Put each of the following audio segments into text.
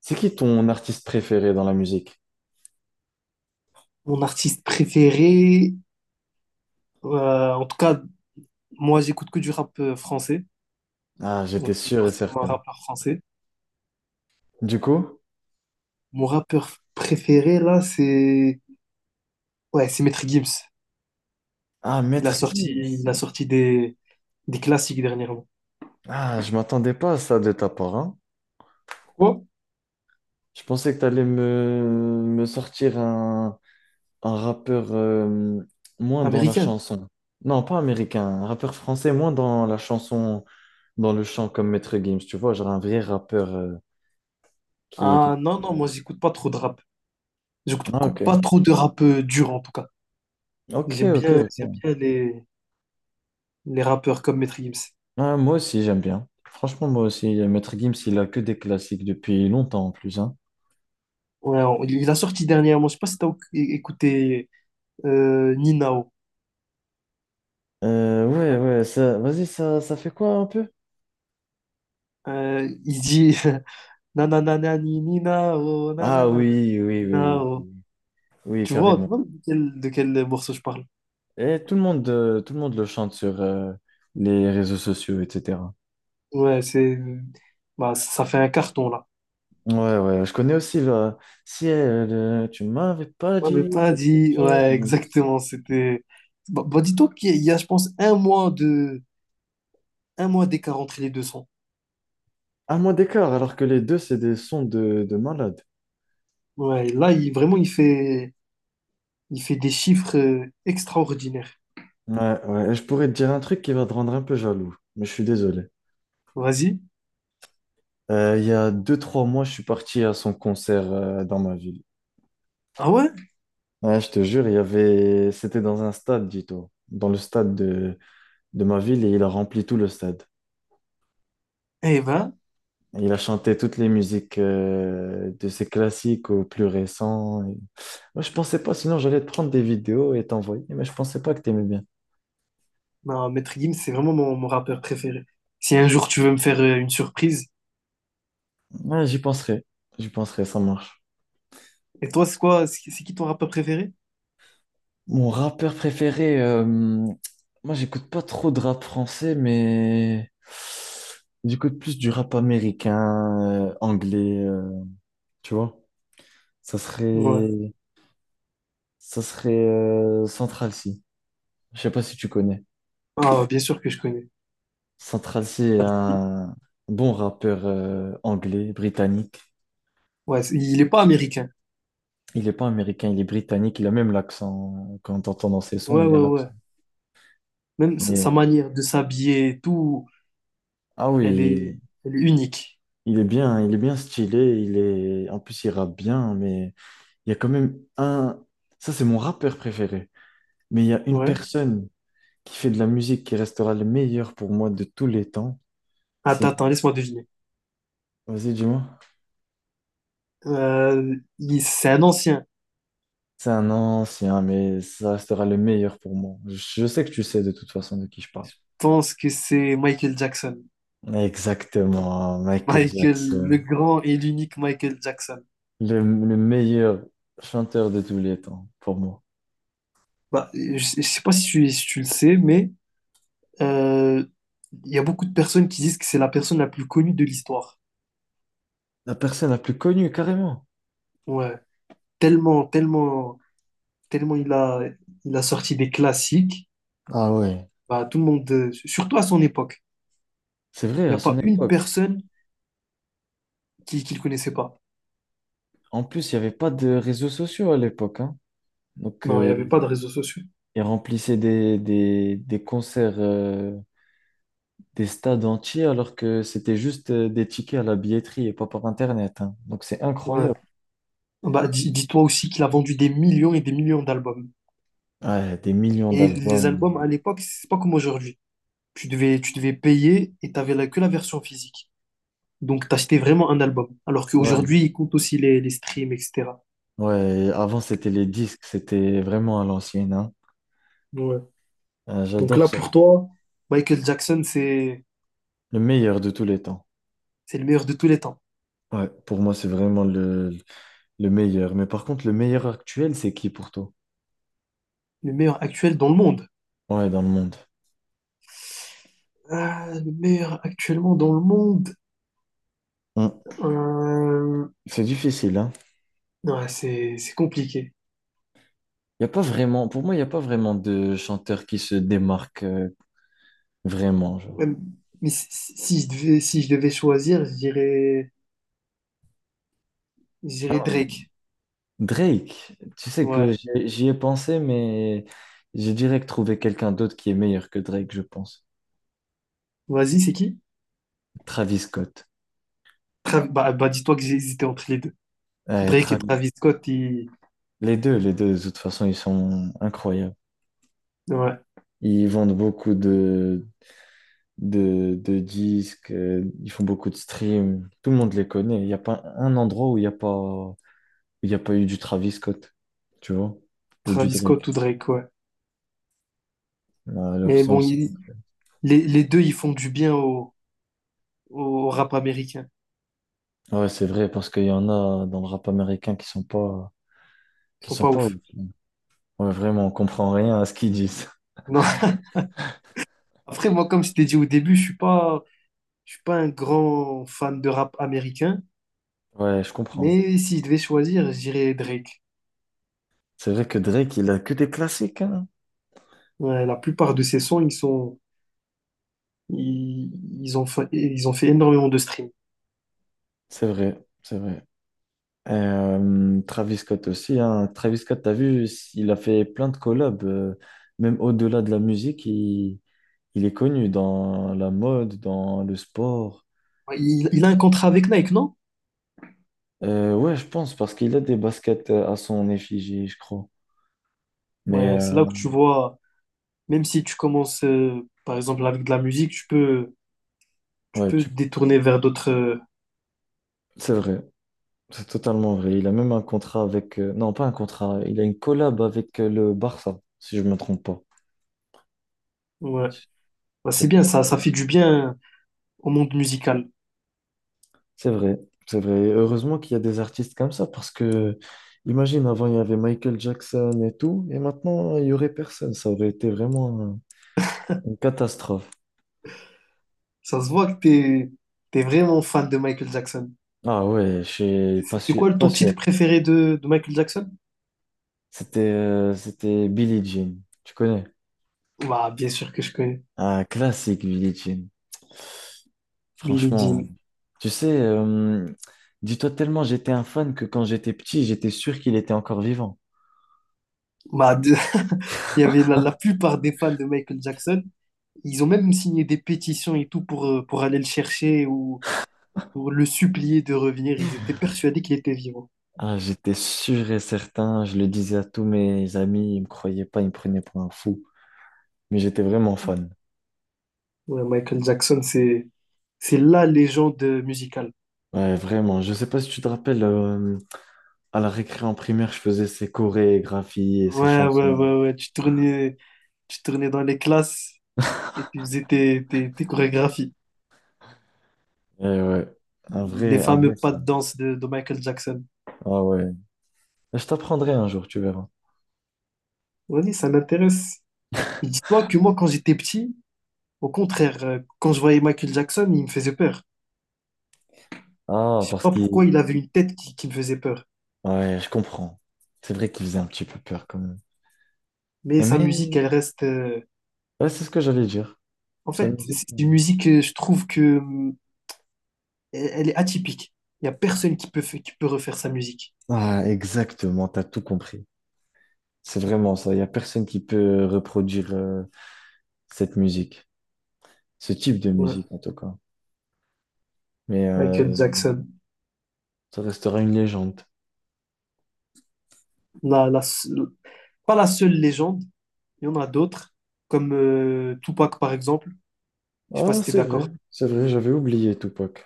C'est qui ton artiste préféré dans la musique? Mon artiste préféré, en tout cas, moi j'écoute que du rap français, Ah, donc j'étais c'est sûr et forcément un certain. rappeur français. Du coup? Mon rappeur préféré là, c'est ouais, c'est Maître Gims. Ah, Maître Gims. Il a sorti des classiques dernièrement. Ah, je m'attendais pas à ça de ta part, hein. Pourquoi? Je pensais que t'allais me sortir un rappeur moins dans la Américain. chanson. Non, pas américain, un rappeur français moins dans la chanson, dans le chant comme Maître Gims, tu vois, genre un vrai rappeur qui- Ah non non, moi j'écoute pas trop de rap. Ah, ok. Pas trop de rap dur en tout cas. Ok, ok, J'aime ok. bien les rappeurs comme Maître Gims. Ah, moi aussi, j'aime bien. Franchement, moi aussi, Maître Gims, il a que des classiques depuis longtemps en plus, hein. Ouais, il a sorti dernièrement, je sais pas si t'as écouté Ninao. Ouais, ouais, ça, vas-y, ça fait quoi un peu? Il dit na na na na ni ni na oh, na na Ah na na oui, oui, ni oui, na oui, oh. oui, oui, Tu carrément. vois de quel morceau je parle? Et tout le monde le chante sur les réseaux sociaux, etc. Ouais, c'est bah, ça fait un carton là. Ouais, ouais, je connais aussi le Ciel, tu m'avais pas On n'avait dit pas que dit, t'étais ouais, mon destin. exactement, c'était bah, bah, dis-toi qu'il y a, je pense, un mois d'écart entre les deux sons. Un mois d'écart, alors que les deux, c'est des sons de malade. Ouais, là, il vraiment il fait des chiffres extraordinaires. Ouais, ouais, et je pourrais te dire un truc qui va te rendre un peu jaloux, mais je suis désolé. Vas-y. Il y a deux, trois mois, je suis parti à son concert dans ma ville. Ah ouais? Ouais, je te jure, il y avait... c'était dans un stade, dis-toi, dans le stade de ma ville, et il a rempli tout le stade. Eh ben, Et Il a chanté toutes les musiques de ses classiques aux plus récents. Et- Moi, je pensais pas, sinon j'allais te prendre des vidéos et t'envoyer, mais je pensais pas que t'aimais bien. non, Maître Gims, c'est vraiment mon rappeur préféré. Si un jour tu veux me faire une surprise, Ouais, j'y penserai, ça marche. et toi, c'est quoi? C'est qui ton rappeur préféré? Mon rappeur préféré, moi, j'écoute pas trop de rap français, mais j'écoute plus du rap américain, anglais, tu vois. Ça Ouais. serait ça serait Central C. Je sais pas si tu connais. Ah, bien sûr que je connais. Central C est un bon rappeur anglais, britannique. Ouais, il est pas américain. Il n'est pas américain, il est britannique. Il a même l'accent. Quand on entend dans ses sons, Ouais, il a ouais, ouais. l'accent. Même sa Mais- manière de s'habiller et tout, Ah oui, elle il, est, elle est unique. Il est bien stylé. Il est... En plus, il rappe bien, mais il y a quand même un... Ça, c'est mon rappeur préféré. Mais il y a une Ouais. personne qui fait de la musique qui restera le meilleur pour moi de tous les temps. Attends, C'est... attends, laisse-moi deviner. Vas-y, dis-moi. C'est un ancien. C'est un ancien, mais ça restera le meilleur pour moi. Je sais que tu sais de toute façon de qui je parle. Je pense que c'est Michael Jackson. Exactement, Michael Michael, le Jackson. grand et l'unique Michael Jackson. Le meilleur chanteur de tous les temps, pour moi. Bah, je sais pas si si tu le sais, mais euh, il y a beaucoup de personnes qui disent que c'est la personne la plus connue de l'histoire. La personne la plus connue, carrément. Ouais. Tellement, tellement, tellement il a sorti des classiques. Ah ouais, Bah, tout le monde, surtout à son époque, c'est vrai, il à n'y a son pas une époque. personne qui ne le connaissait pas. En plus, il n'y avait pas de réseaux sociaux à l'époque, hein. Donc, Non, il n'y avait pas de réseaux sociaux. il remplissait des concerts, des stades entiers, alors que c'était juste des tickets à la billetterie et pas par Internet, hein. Donc, c'est Ouais. incroyable. Bah, dis-toi aussi qu'il a vendu des millions et des millions d'albums. Ouais, des millions Et les d'albums. albums à l'époque, c'est pas comme aujourd'hui. Tu devais payer et tu n'avais que la version physique. Donc, tu achetais vraiment un album. Alors Ouais, qu'aujourd'hui, il compte aussi les streams, etc. ouais. Avant, c'était les disques. C'était vraiment à l'ancienne, hein. Ouais. Donc J'adore là, ça. pour toi, Michael Jackson, c'est, Le meilleur de tous les temps. c'est le meilleur de tous les temps. Ouais, pour moi, c'est vraiment le meilleur. Mais par contre, le meilleur actuel, c'est qui pour toi? Le meilleur actuel dans le monde. Ouais, dans le monde. Ah, le meilleur actuellement dans le monde. Hum. Euh, C'est difficile, hein. C'est compliqué. Y a pas vraiment, pour moi, il n'y a pas vraiment de chanteur qui se démarque vraiment, Ouais, genre. mais si je devais, si je devais choisir, je dirais Ah, Drake. Drake, tu sais que Ouais. j'y ai pensé, mais j'ai direct trouvé quelqu'un d'autre qui est meilleur que Drake, je pense. Vas-y, c'est qui? Travis Scott. Bah, bah, dis-toi que j'ai hésité entre les deux. Ouais, Drake tra- et Travis Scott. Les deux, de toute façon, ils sont incroyables. Ouais. Ils vendent beaucoup de disques, ils font beaucoup de streams. Tout le monde les connaît. Il n'y a pas un endroit où il n'y a pas, où il y a pas eu du Travis Scott, tu vois, ou du Travis Scott ou Drake. Drake, ouais. Là, leur Mais son, bon, ils sont- les deux, ils font du bien au rap américain. Ouais, c'est vrai, parce qu'il y en a dans le rap américain Ils qui sont sont pas pas ouf. ouf. Ouais, vraiment, on comprend rien à ce qu'ils disent. Non. Après, moi, comme je t'ai dit au début, je suis pas un grand fan de rap américain. Ouais, je comprends. Mais si je devais choisir, je dirais Drake. C'est vrai que Drake, il a que des classiques, hein. Ouais, la plupart de ses sons, ils sont Ils, ils ont fait énormément de streams. C'est vrai, c'est vrai. Travis Scott aussi, hein. Travis Scott, t'as vu, il a fait plein de collabs, même au-delà de la musique, il est connu dans la mode, dans le sport. Ouais, il a un contrat avec Nike, non? Ouais, je pense, parce qu'il a des baskets à son effigie, je crois. Mais Ouais, c'est là que tu vois, même si tu commences, par exemple, avec de la musique, tu ouais, peux tu... détourner vers d'autres. Euh, c'est vrai, c'est totalement vrai. Il a même un contrat avec... Non, pas un contrat, il a une collab avec le Barça, si je me trompe pas. ouais, Je bah, je sais c'est pas bien, si... ça fait du bien au monde musical. C'est vrai, c'est vrai. Heureusement qu'il y a des artistes comme ça parce que, imagine, avant il y avait Michael Jackson et tout, et maintenant il y aurait personne. Ça aurait été vraiment une catastrophe. Ça se voit que t'es vraiment fan de Michael Jackson. Ah ouais, je suis C'est c'est passion- quoi ton titre passionné. préféré de Michael Jackson? C'était c'était Billie Jean, tu connais? Bah, bien sûr que je connais. Ah classique Billie Jean. Billie Franchement, Jean. tu sais, dis-toi tellement j'étais un fan que quand j'étais petit, j'étais sûr qu'il était encore vivant. Bah, de- Il y avait la plupart des fans de Michael Jackson. Ils ont même signé des pétitions et tout pour aller le chercher ou pour le supplier de revenir. Ils étaient persuadés qu'il était vivant. Ah, j'étais sûr et certain, je le disais à tous mes amis, ils me croyaient pas, ils me prenaient pour un fou, mais j'étais vraiment fan. Ouais, c'est la légende musicale. Ouais, vraiment. Je sais pas si tu te rappelles, à la récré en primaire, je faisais ses chorégraphies et ses Ouais, ouais, chansons. ouais, ouais. Tu tournais dans les classes et tu faisais tes chorégraphies. Eh ouais, Les un fameux vrai pas de fan. danse de Michael Jackson. Ah ouais. Je t'apprendrai un jour, tu verras. Oui ça m'intéresse. Mais dis-toi que moi, quand j'étais petit, au contraire, quand je voyais Michael Jackson, il me faisait peur. Ah, Je sais parce pas qu'il... pourquoi il avait une tête qui me faisait peur. Ouais, je comprends. C'est vrai qu'il faisait un petit peu peur quand même. Mais sa musique, elle Mais reste, ouais, c'est ce que j'allais dire. en Sa fait, musique. c'est une musique, je trouve que elle est atypique. Il n'y a personne qui peut, qui peut refaire sa musique. Ah, exactement, t'as tout compris. C'est vraiment ça. Il n'y a personne qui peut reproduire cette musique, ce type de Ouais. musique en tout cas. Mais Michael Jackson. ça restera une légende. La, la seule- Pas la seule légende, il y en a d'autres, comme Tupac par exemple. Je sais pas Ah, si tu es d'accord. C'est vrai, j'avais oublié Tupac.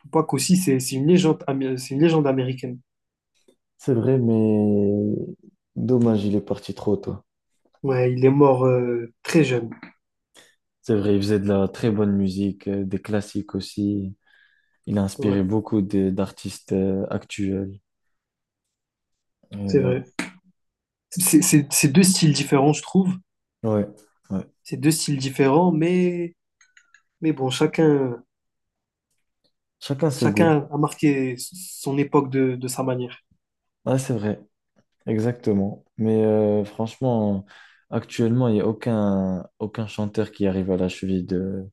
Tupac aussi, c'est une légende, c'est une légende américaine. C'est vrai, mais dommage, il est parti trop tôt. Ouais, il est mort très jeune. C'est vrai, il faisait de la très bonne musique, des classiques aussi. Il a inspiré Ouais, beaucoup de- d'artistes actuels. Et c'est voilà. vrai. C'est deux styles différents, je trouve. Ouais, ouais. C'est deux styles différents, mais bon, chacun, Chacun ses goûts. chacun a marqué son époque de sa manière. Ah, c'est vrai. Exactement. Mais franchement, actuellement, il n'y a aucun, aucun chanteur qui arrive à la cheville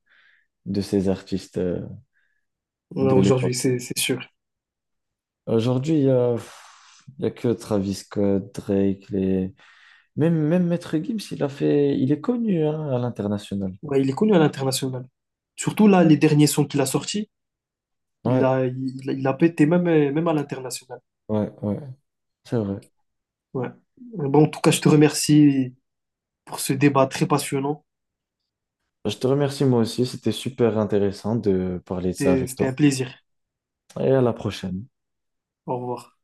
de ces artistes Ouais, de aujourd'hui, l'époque. C'est sûr. Aujourd'hui, il y a, pff, il y a que Travis Scott, Drake, les... même, même Maître Gims, il a fait... il est connu hein, à l'international. Ouais, il est connu à l'international. Surtout là, les derniers sons qu'il a sortis, Ouais, il a pété même, même à l'international. ouais, ouais, c'est vrai. Ouais. Bon, en tout cas, je te remercie pour ce débat très passionnant. Je te remercie moi aussi, c'était super intéressant de parler de ça avec C'était toi. un plaisir. Et à la prochaine. Au revoir.